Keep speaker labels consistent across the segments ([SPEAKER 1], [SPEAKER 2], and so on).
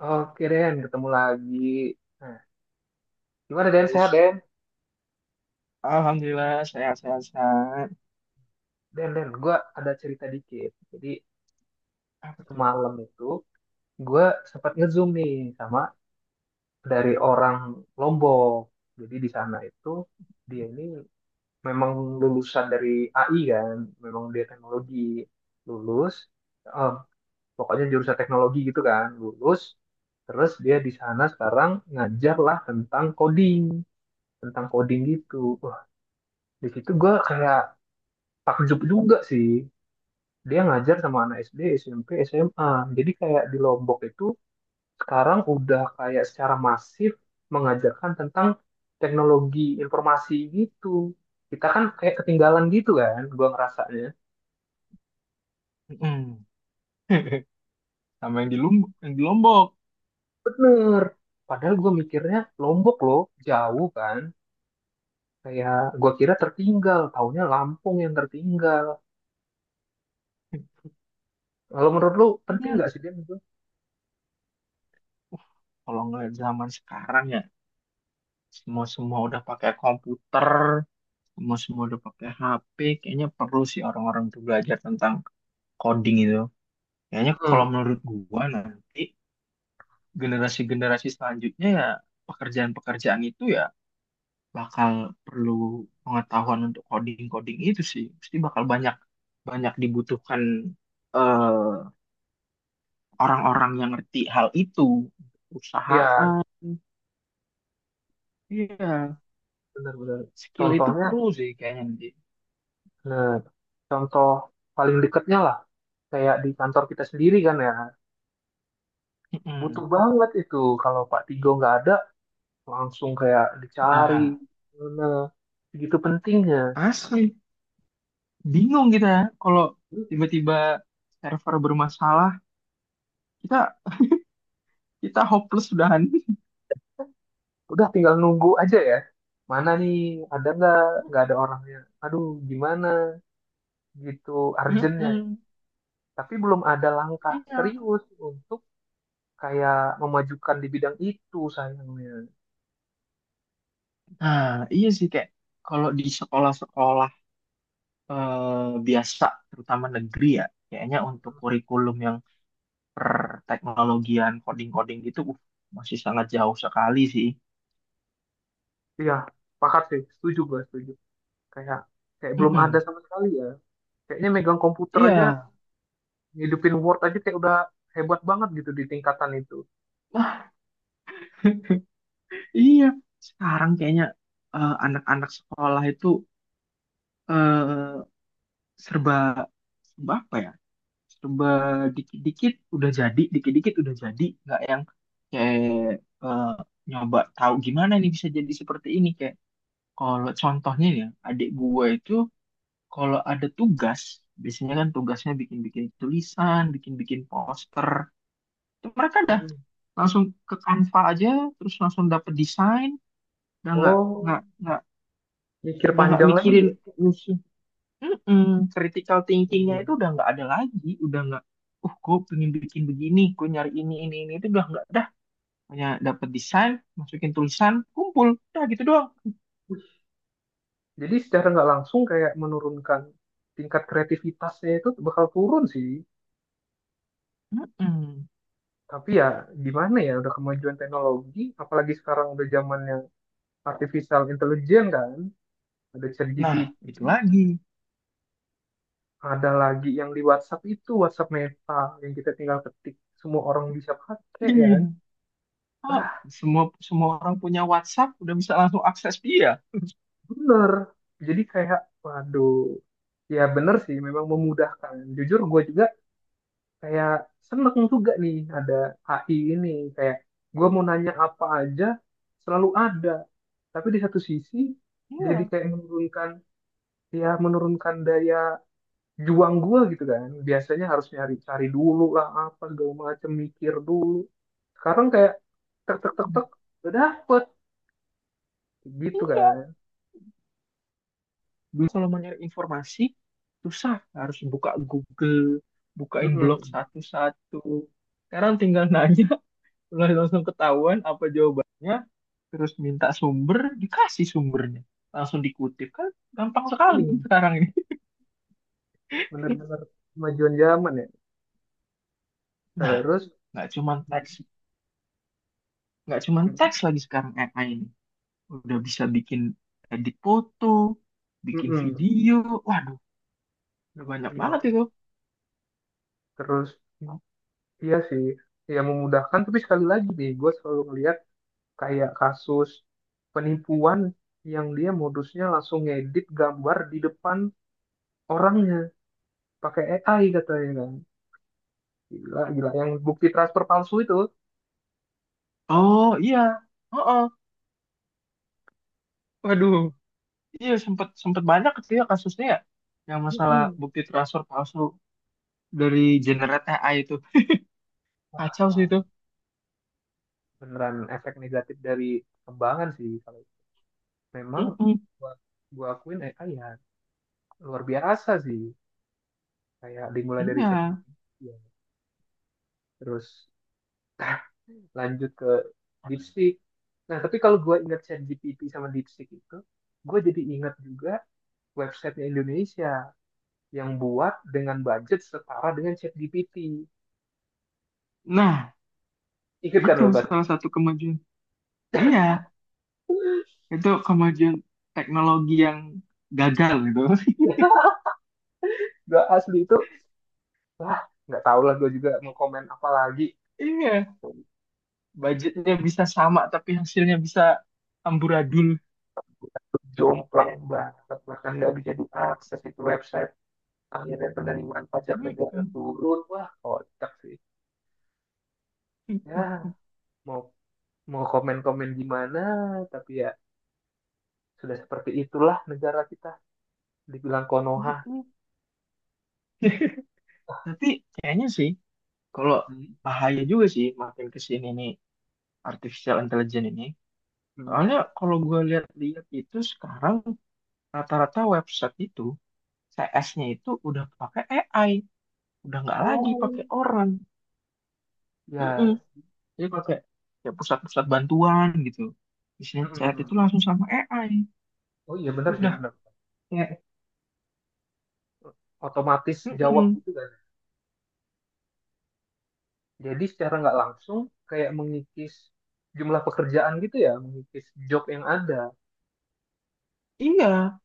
[SPEAKER 1] Oh, oke Den, ketemu lagi. Nah, gimana Den, sehat
[SPEAKER 2] Terus,
[SPEAKER 1] Den?
[SPEAKER 2] Alhamdulillah sehat-sehat sehat.
[SPEAKER 1] Den, Den, gue ada cerita dikit. Jadi
[SPEAKER 2] Apa tuh?
[SPEAKER 1] semalam itu gue sempat ngezoom nih sama dari orang Lombok. Jadi di sana itu dia ini memang lulusan dari AI kan, memang dia teknologi lulus, eh, pokoknya jurusan teknologi gitu kan, lulus. Terus dia di sana sekarang ngajar lah tentang coding gitu. Wah, di situ gue kayak takjub juga sih dia ngajar sama anak SD, SMP, SMA. Jadi kayak di Lombok itu sekarang udah kayak secara masif mengajarkan tentang teknologi informasi gitu. Kita kan kayak ketinggalan gitu kan, gua ngerasanya.
[SPEAKER 2] Mm-mm. Sama yang di
[SPEAKER 1] Jadi
[SPEAKER 2] Lombok, yang di Lombok.
[SPEAKER 1] bener. Padahal gua mikirnya Lombok loh, jauh kan. Kayak gua kira tertinggal, taunya Lampung yang tertinggal. Kalau menurut lu penting
[SPEAKER 2] Iya,
[SPEAKER 1] nggak sih dia itu?
[SPEAKER 2] kalau ngeliat zaman sekarang ya, semua-semua udah pakai komputer, semua-semua udah pakai HP, kayaknya perlu sih orang-orang tuh belajar tentang coding itu. Kayaknya kalau
[SPEAKER 1] Hmm,
[SPEAKER 2] menurut gua nanti generasi-generasi selanjutnya ya pekerjaan-pekerjaan itu ya bakal perlu pengetahuan untuk coding-coding itu sih. Pasti bakal banyak banyak dibutuhkan eh, orang-orang yang ngerti hal itu.
[SPEAKER 1] iya
[SPEAKER 2] Perusahaan, iya,
[SPEAKER 1] benar bener.
[SPEAKER 2] skill itu
[SPEAKER 1] Contohnya.
[SPEAKER 2] perlu sih kayaknya nanti.
[SPEAKER 1] Nah, contoh paling dekatnya lah, kayak di kantor kita sendiri kan ya, butuh
[SPEAKER 2] Mm-mm.
[SPEAKER 1] banget itu. Kalau Pak Tigo nggak ada, langsung kayak dicari,
[SPEAKER 2] Nah,
[SPEAKER 1] mana, begitu pentingnya.
[SPEAKER 2] asli bingung kita ya kalau tiba-tiba server bermasalah, kita kita hopeless udahan.
[SPEAKER 1] Udah tinggal nunggu aja ya. Mana nih, ada nggak? Nggak ada orangnya. Aduh, gimana? Gitu, urgentnya.
[SPEAKER 2] Mm-mm.
[SPEAKER 1] Tapi belum ada langkah
[SPEAKER 2] Iya.
[SPEAKER 1] serius untuk kayak memajukan di bidang itu sayangnya.
[SPEAKER 2] Nah, iya sih kayak kalau di sekolah-sekolah biasa, terutama negeri ya, kayaknya untuk kurikulum yang perteknologian coding-coding gitu, masih sangat jauh sekali sih.
[SPEAKER 1] Iya, pakat sih, setuju gue, setuju. Kayak kayak belum ada
[SPEAKER 2] Mm-mm.
[SPEAKER 1] sama sekali ya, kayaknya megang komputer aja
[SPEAKER 2] Iya,
[SPEAKER 1] ngidupin Word aja kayak udah hebat banget gitu di tingkatan itu.
[SPEAKER 2] wah, iya. Sekarang kayaknya anak-anak sekolah itu eh, serba, serba apa ya? Serba dikit-dikit udah jadi, nggak yang kayak eh, nyoba tahu gimana nih bisa jadi seperti ini kayak. Kalau contohnya nih ya, adik gue itu, kalau ada tugas, biasanya kan tugasnya bikin-bikin tulisan, bikin-bikin poster. Itu mereka dah
[SPEAKER 1] Mm.
[SPEAKER 2] langsung ke Canva aja, terus langsung dapet desain, udah nggak
[SPEAKER 1] Oh,
[SPEAKER 2] nggak nggak
[SPEAKER 1] mikir
[SPEAKER 2] udah nggak
[SPEAKER 1] panjang lagi
[SPEAKER 2] mikirin
[SPEAKER 1] ya.
[SPEAKER 2] musuh. Mm-mm, critical thinkingnya itu
[SPEAKER 1] Iya.
[SPEAKER 2] udah nggak ada lagi, udah nggak. Gue pengen bikin begini, gue nyari ini itu udah nggak dah. Hanya dapet desain, masukin tulisan, kumpul, udah gitu doang.
[SPEAKER 1] Jadi secara nggak langsung kayak menurunkan tingkat kreativitasnya itu bakal turun sih.
[SPEAKER 2] Mm-mm.
[SPEAKER 1] Tapi ya gimana ya, udah kemajuan teknologi, apalagi sekarang udah zamannya artificial intelligence kan, ada ChatGPT,
[SPEAKER 2] Nah, itu lagi.
[SPEAKER 1] ada lagi yang di WhatsApp itu WhatsApp Meta, yang kita tinggal ketik, semua orang bisa pakai ya.
[SPEAKER 2] Iya. Ah, semua semua orang punya WhatsApp udah bisa langsung akses dia.
[SPEAKER 1] Bener. Jadi kayak, waduh, ya bener sih, memang memudahkan. Jujur gue juga kayak seneng juga nih ada AI ini. Kayak gue mau nanya apa aja, selalu ada. Tapi di satu sisi, jadi
[SPEAKER 2] Iya,
[SPEAKER 1] kayak menurunkan, ya menurunkan daya juang gue gitu kan. Biasanya harus nyari cari dulu lah apa segala macem, mikir dulu. Sekarang kayak tek tek tek tek, udah dapet gitu kan.
[SPEAKER 2] iya. Dulu kalau mau nyari informasi susah, harus buka Google, bukain blog
[SPEAKER 1] Mm-mm.
[SPEAKER 2] satu-satu. Sekarang tinggal nanya, udah langsung ketahuan apa jawabannya, terus minta sumber, dikasih sumbernya, langsung dikutip kan gampang sekali
[SPEAKER 1] Iya,
[SPEAKER 2] sekarang ini.
[SPEAKER 1] bener-bener kemajuan zaman ya.
[SPEAKER 2] Nah,
[SPEAKER 1] Terus,
[SPEAKER 2] nggak cuman teks, nggak cuman
[SPEAKER 1] mm-mm.
[SPEAKER 2] teks lagi sekarang AI ini, udah bisa bikin edit foto, bikin
[SPEAKER 1] Mm-mm.
[SPEAKER 2] video. Waduh, udah banyak
[SPEAKER 1] Iya,
[SPEAKER 2] banget itu.
[SPEAKER 1] terus, iya sih, ya memudahkan. Tapi sekali lagi nih, gue selalu ngeliat kayak kasus penipuan yang dia modusnya langsung ngedit gambar di depan orangnya pakai AI katanya kan. Gila, gila. Yang bukti transfer palsu itu.
[SPEAKER 2] Oh iya, oh, waduh, iya sempet sempet banyak itu ya kasusnya ya. Yang masalah
[SPEAKER 1] Mm-mm.
[SPEAKER 2] bukti transfer palsu dari Generate AI itu.
[SPEAKER 1] Wah,
[SPEAKER 2] Kacau sih
[SPEAKER 1] paham.
[SPEAKER 2] itu.
[SPEAKER 1] Beneran efek negatif dari kembangan sih. Kalau memang
[SPEAKER 2] Mm-mm.
[SPEAKER 1] gua, gua akuin AI ya luar biasa sih. Kayak dimulai dari
[SPEAKER 2] Iya.
[SPEAKER 1] ChatGPT ya. Terus lanjut ke DeepSeek. Nah tapi kalau gue ingat ChatGPT sama DeepSeek itu, gue jadi ingat juga websitenya Indonesia yang buat dengan budget setara dengan ChatGPT.
[SPEAKER 2] Nah,
[SPEAKER 1] Ingat kan
[SPEAKER 2] itu
[SPEAKER 1] lo Bas?
[SPEAKER 2] salah satu kemajuan. Iya, itu kemajuan teknologi yang gagal gitu.
[SPEAKER 1] Gue asli itu wah nggak tahu lah, gue juga mau komen apa lagi.
[SPEAKER 2] Iya, budgetnya bisa sama tapi hasilnya bisa amburadul.
[SPEAKER 1] Jomplang banget, bahkan nggak bisa diakses itu website, akhirnya penerimaan pajak negara
[SPEAKER 2] Mm-mm.
[SPEAKER 1] turun. Wah kocak sih. Ya mau mau komen-komen gimana, tapi ya sudah seperti itulah negara kita. Dibilang Konoha.
[SPEAKER 2] Tapi kayaknya sih, kalau
[SPEAKER 1] Hmm.
[SPEAKER 2] bahaya juga sih makin ke sini nih artificial intelligence ini.
[SPEAKER 1] Hmm.
[SPEAKER 2] Soalnya kalau gue lihat-lihat itu sekarang rata-rata website itu CS-nya itu udah pakai AI, udah nggak lagi pakai
[SPEAKER 1] Oh,
[SPEAKER 2] orang. Mm-mm.
[SPEAKER 1] ya.
[SPEAKER 2] Jadi pakai ya pusat-pusat bantuan gitu. Isinya
[SPEAKER 1] Hmm. Hmm,
[SPEAKER 2] chat
[SPEAKER 1] hmm.
[SPEAKER 2] itu langsung sama AI.
[SPEAKER 1] Oh iya
[SPEAKER 2] Itu
[SPEAKER 1] benar sih,
[SPEAKER 2] udah
[SPEAKER 1] benar.
[SPEAKER 2] kayak
[SPEAKER 1] Otomatis jawab
[SPEAKER 2] mm-mm.
[SPEAKER 1] gitu kan. Jadi secara nggak langsung kayak mengikis jumlah pekerjaan gitu ya, mengikis job yang ada.
[SPEAKER 2] Iya,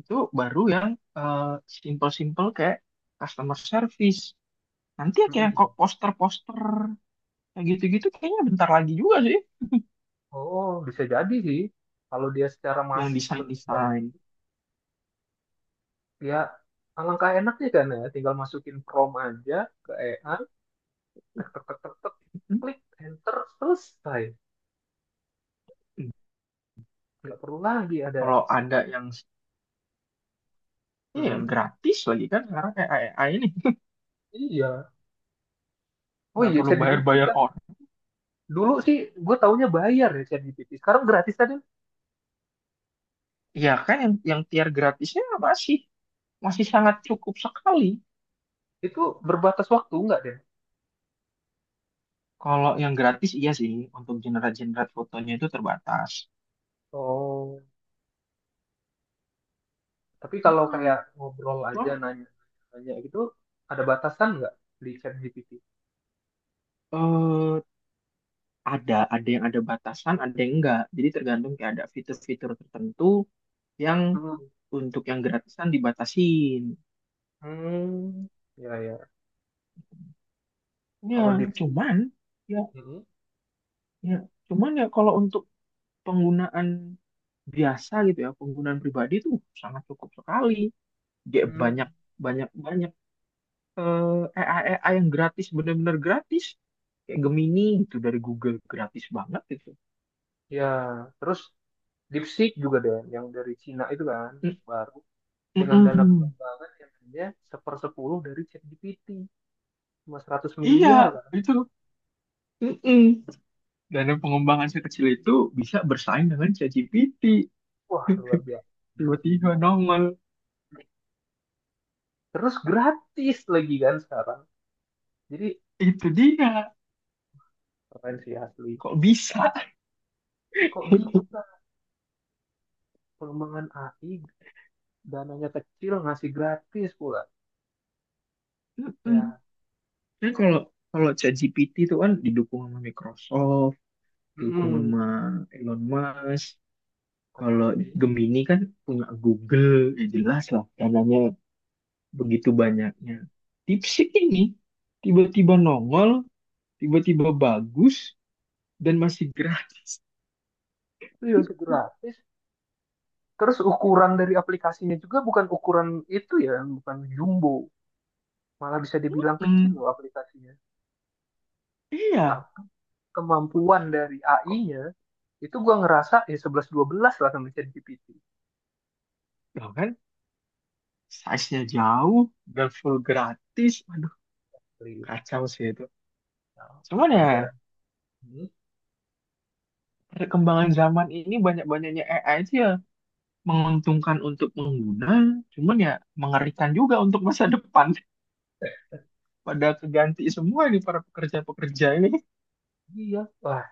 [SPEAKER 2] itu baru yang eh, simple-simple kayak customer service. Nanti ya
[SPEAKER 1] Hmm.
[SPEAKER 2] kayak
[SPEAKER 1] Hmm.
[SPEAKER 2] kok poster-poster, yang gitu-gitu kayaknya bentar lagi juga sih.
[SPEAKER 1] Oh, bisa jadi sih. Kalau dia secara
[SPEAKER 2] Yang
[SPEAKER 1] masif berkembang,
[SPEAKER 2] desain-desain.
[SPEAKER 1] ya alangkah enaknya kan ya, tinggal masukin prom aja ke EA, tek tek tek tek tek
[SPEAKER 2] Hmm.
[SPEAKER 1] klik enter selesai, nggak perlu lagi ada.
[SPEAKER 2] Kalau ada yang
[SPEAKER 1] Hmm
[SPEAKER 2] iya
[SPEAKER 1] mm.
[SPEAKER 2] gratis lagi kan sekarang kayak AI ini
[SPEAKER 1] Iya. Oh
[SPEAKER 2] nggak
[SPEAKER 1] iya
[SPEAKER 2] perlu
[SPEAKER 1] ChatGPT
[SPEAKER 2] bayar-bayar
[SPEAKER 1] kan
[SPEAKER 2] orang.
[SPEAKER 1] dulu sih gue taunya bayar ya, ChatGPT sekarang gratis kan.
[SPEAKER 2] Iya kan yang tier gratisnya masih masih sangat cukup sekali.
[SPEAKER 1] Itu berbatas waktu nggak deh?
[SPEAKER 2] Kalau yang gratis iya sih untuk generate-generate fotonya itu terbatas.
[SPEAKER 1] Oh, tapi kalau
[SPEAKER 2] Hmm.
[SPEAKER 1] kayak ngobrol aja
[SPEAKER 2] Cuma
[SPEAKER 1] nanya nanya gitu, ada batasan nggak di ChatGPT?
[SPEAKER 2] eh, ada yang ada batasan, ada yang enggak. Jadi tergantung kayak ada fitur-fitur tertentu yang
[SPEAKER 1] Mm.
[SPEAKER 2] untuk yang gratisan dibatasin.
[SPEAKER 1] Hmm. Ya ya.
[SPEAKER 2] Ya,
[SPEAKER 1] Kalau DeepSeek
[SPEAKER 2] cuman ya,
[SPEAKER 1] mm.
[SPEAKER 2] ya, cuman ya kalau untuk penggunaan biasa gitu ya, penggunaan pribadi itu sangat cukup sekali. Dia
[SPEAKER 1] Hmm,
[SPEAKER 2] banyak banyak banyak AI AI yang gratis benar-benar gratis. Kayak Gemini gitu dari Google gratis banget gitu.
[SPEAKER 1] ya. Terus DeepSeek juga deh, yang dari Cina itu kan,
[SPEAKER 2] Mm-
[SPEAKER 1] baru, dengan dana
[SPEAKER 2] mm-mm.
[SPEAKER 1] pengembangan yang hanya sepersepuluh dari ChatGPT, cuma 100 miliar
[SPEAKER 2] Iya,
[SPEAKER 1] kan.
[SPEAKER 2] itu. Mm-mm. Dan pengembangan sekecil itu bisa bersaing dengan ChatGPT.
[SPEAKER 1] Wah luar biasa. Emang
[SPEAKER 2] Tiba-tiba
[SPEAKER 1] gila.
[SPEAKER 2] nongol.
[SPEAKER 1] Terus gratis lagi kan sekarang, jadi
[SPEAKER 2] Itu dia.
[SPEAKER 1] keren sih asli.
[SPEAKER 2] Kok bisa?
[SPEAKER 1] Kok bisa pengembangan AI dananya kecil ngasih gratis pula ya.
[SPEAKER 2] Kan kalau kalau ChatGPT itu kan didukung sama Microsoft, didukung
[SPEAKER 1] Mm.
[SPEAKER 2] sama Elon Musk. Kalau
[SPEAKER 1] Itu
[SPEAKER 2] Gemini kan punya Google, ya jelas lah dananya begitu banyaknya. DeepSeek ini tiba-tiba nongol, tiba-tiba bagus dan masih gratis.
[SPEAKER 1] ya gratis. Terus ukuran dari aplikasinya juga bukan ukuran itu ya, bukan jumbo, malah bisa dibilang kecil
[SPEAKER 2] Hmm,
[SPEAKER 1] loh aplikasinya.
[SPEAKER 2] iya,
[SPEAKER 1] Tapi kemampuan dari
[SPEAKER 2] kok
[SPEAKER 1] AI-nya itu gue ngerasa ya 11-12 lah sama ChatGPT.
[SPEAKER 2] tau kan size-nya jauh dan full gratis. Aduh, kacau sih itu.
[SPEAKER 1] Nah,
[SPEAKER 2] Cuman
[SPEAKER 1] wajar.
[SPEAKER 2] ya
[SPEAKER 1] Hmm,
[SPEAKER 2] perkembangan zaman ini banyak-banyaknya AI aja menguntungkan untuk pengguna, cuman ya mengerikan juga untuk masa depan. Pada keganti semua ini para pekerja-pekerja ini.
[SPEAKER 1] iya. Wah,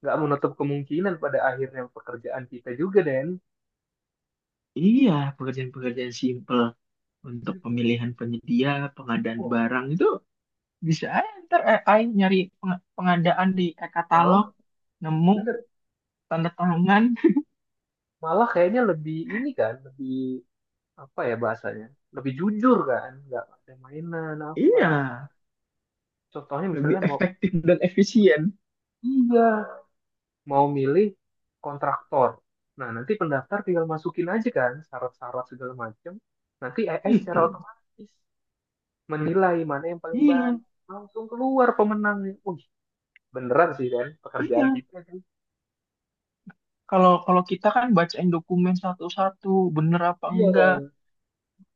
[SPEAKER 1] nggak menutup kemungkinan pada akhirnya pekerjaan kita juga Den.
[SPEAKER 2] Iya, pekerjaan-pekerjaan simple untuk pemilihan penyedia, pengadaan
[SPEAKER 1] Wah,
[SPEAKER 2] barang itu bisa aja ntar AI nyari peng- pengadaan di
[SPEAKER 1] malah
[SPEAKER 2] e-katalog, nemu
[SPEAKER 1] bener,
[SPEAKER 2] tanda tangan.
[SPEAKER 1] malah kayaknya lebih ini kan, lebih apa ya bahasanya, lebih jujur kan, nggak ada mainan apa.
[SPEAKER 2] Iya,
[SPEAKER 1] Contohnya
[SPEAKER 2] lebih
[SPEAKER 1] misalnya mau,
[SPEAKER 2] efektif dan efisien.
[SPEAKER 1] iya, mau milih kontraktor. Nah nanti pendaftar tinggal masukin aja kan syarat-syarat segala macam, nanti AI secara
[SPEAKER 2] Mm-mm.
[SPEAKER 1] otomatis menilai mana yang paling baik,
[SPEAKER 2] Iya,
[SPEAKER 1] langsung keluar pemenangnya. Wih, beneran sih, kan pekerjaan
[SPEAKER 2] iya.
[SPEAKER 1] kita kan,
[SPEAKER 2] Kalau kalau kita kan bacain dokumen satu-satu, bener apa enggak,
[SPEAKER 1] iya,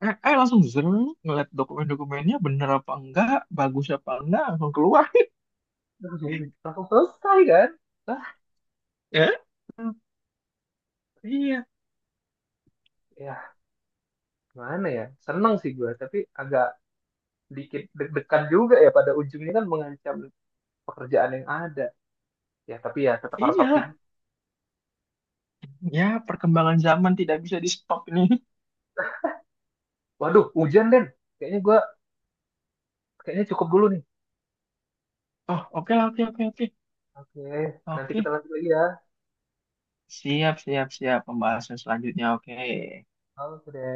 [SPEAKER 2] langsung seru nih ngeliat dokumen-dokumennya bener apa enggak bagus apa enggak langsung keluar
[SPEAKER 1] langsung langsung selesai kan. Ah
[SPEAKER 2] ya. Hmm, iya
[SPEAKER 1] ya gimana ya, seneng sih gue tapi agak dikit deg-degan juga ya, pada ujungnya kan mengancam pekerjaan yang ada. Ya tapi ya tetap harus
[SPEAKER 2] iya
[SPEAKER 1] optimis.
[SPEAKER 2] ya perkembangan zaman tidak bisa di stop ini.
[SPEAKER 1] Waduh hujan Den, kayaknya gue, kayaknya cukup dulu nih.
[SPEAKER 2] Oh oke lah, oke oke oke
[SPEAKER 1] Oke, nanti
[SPEAKER 2] oke,
[SPEAKER 1] kita lanjut lagi ya.
[SPEAKER 2] siap siap siap pembahasan selanjutnya oke.
[SPEAKER 1] Oke deh.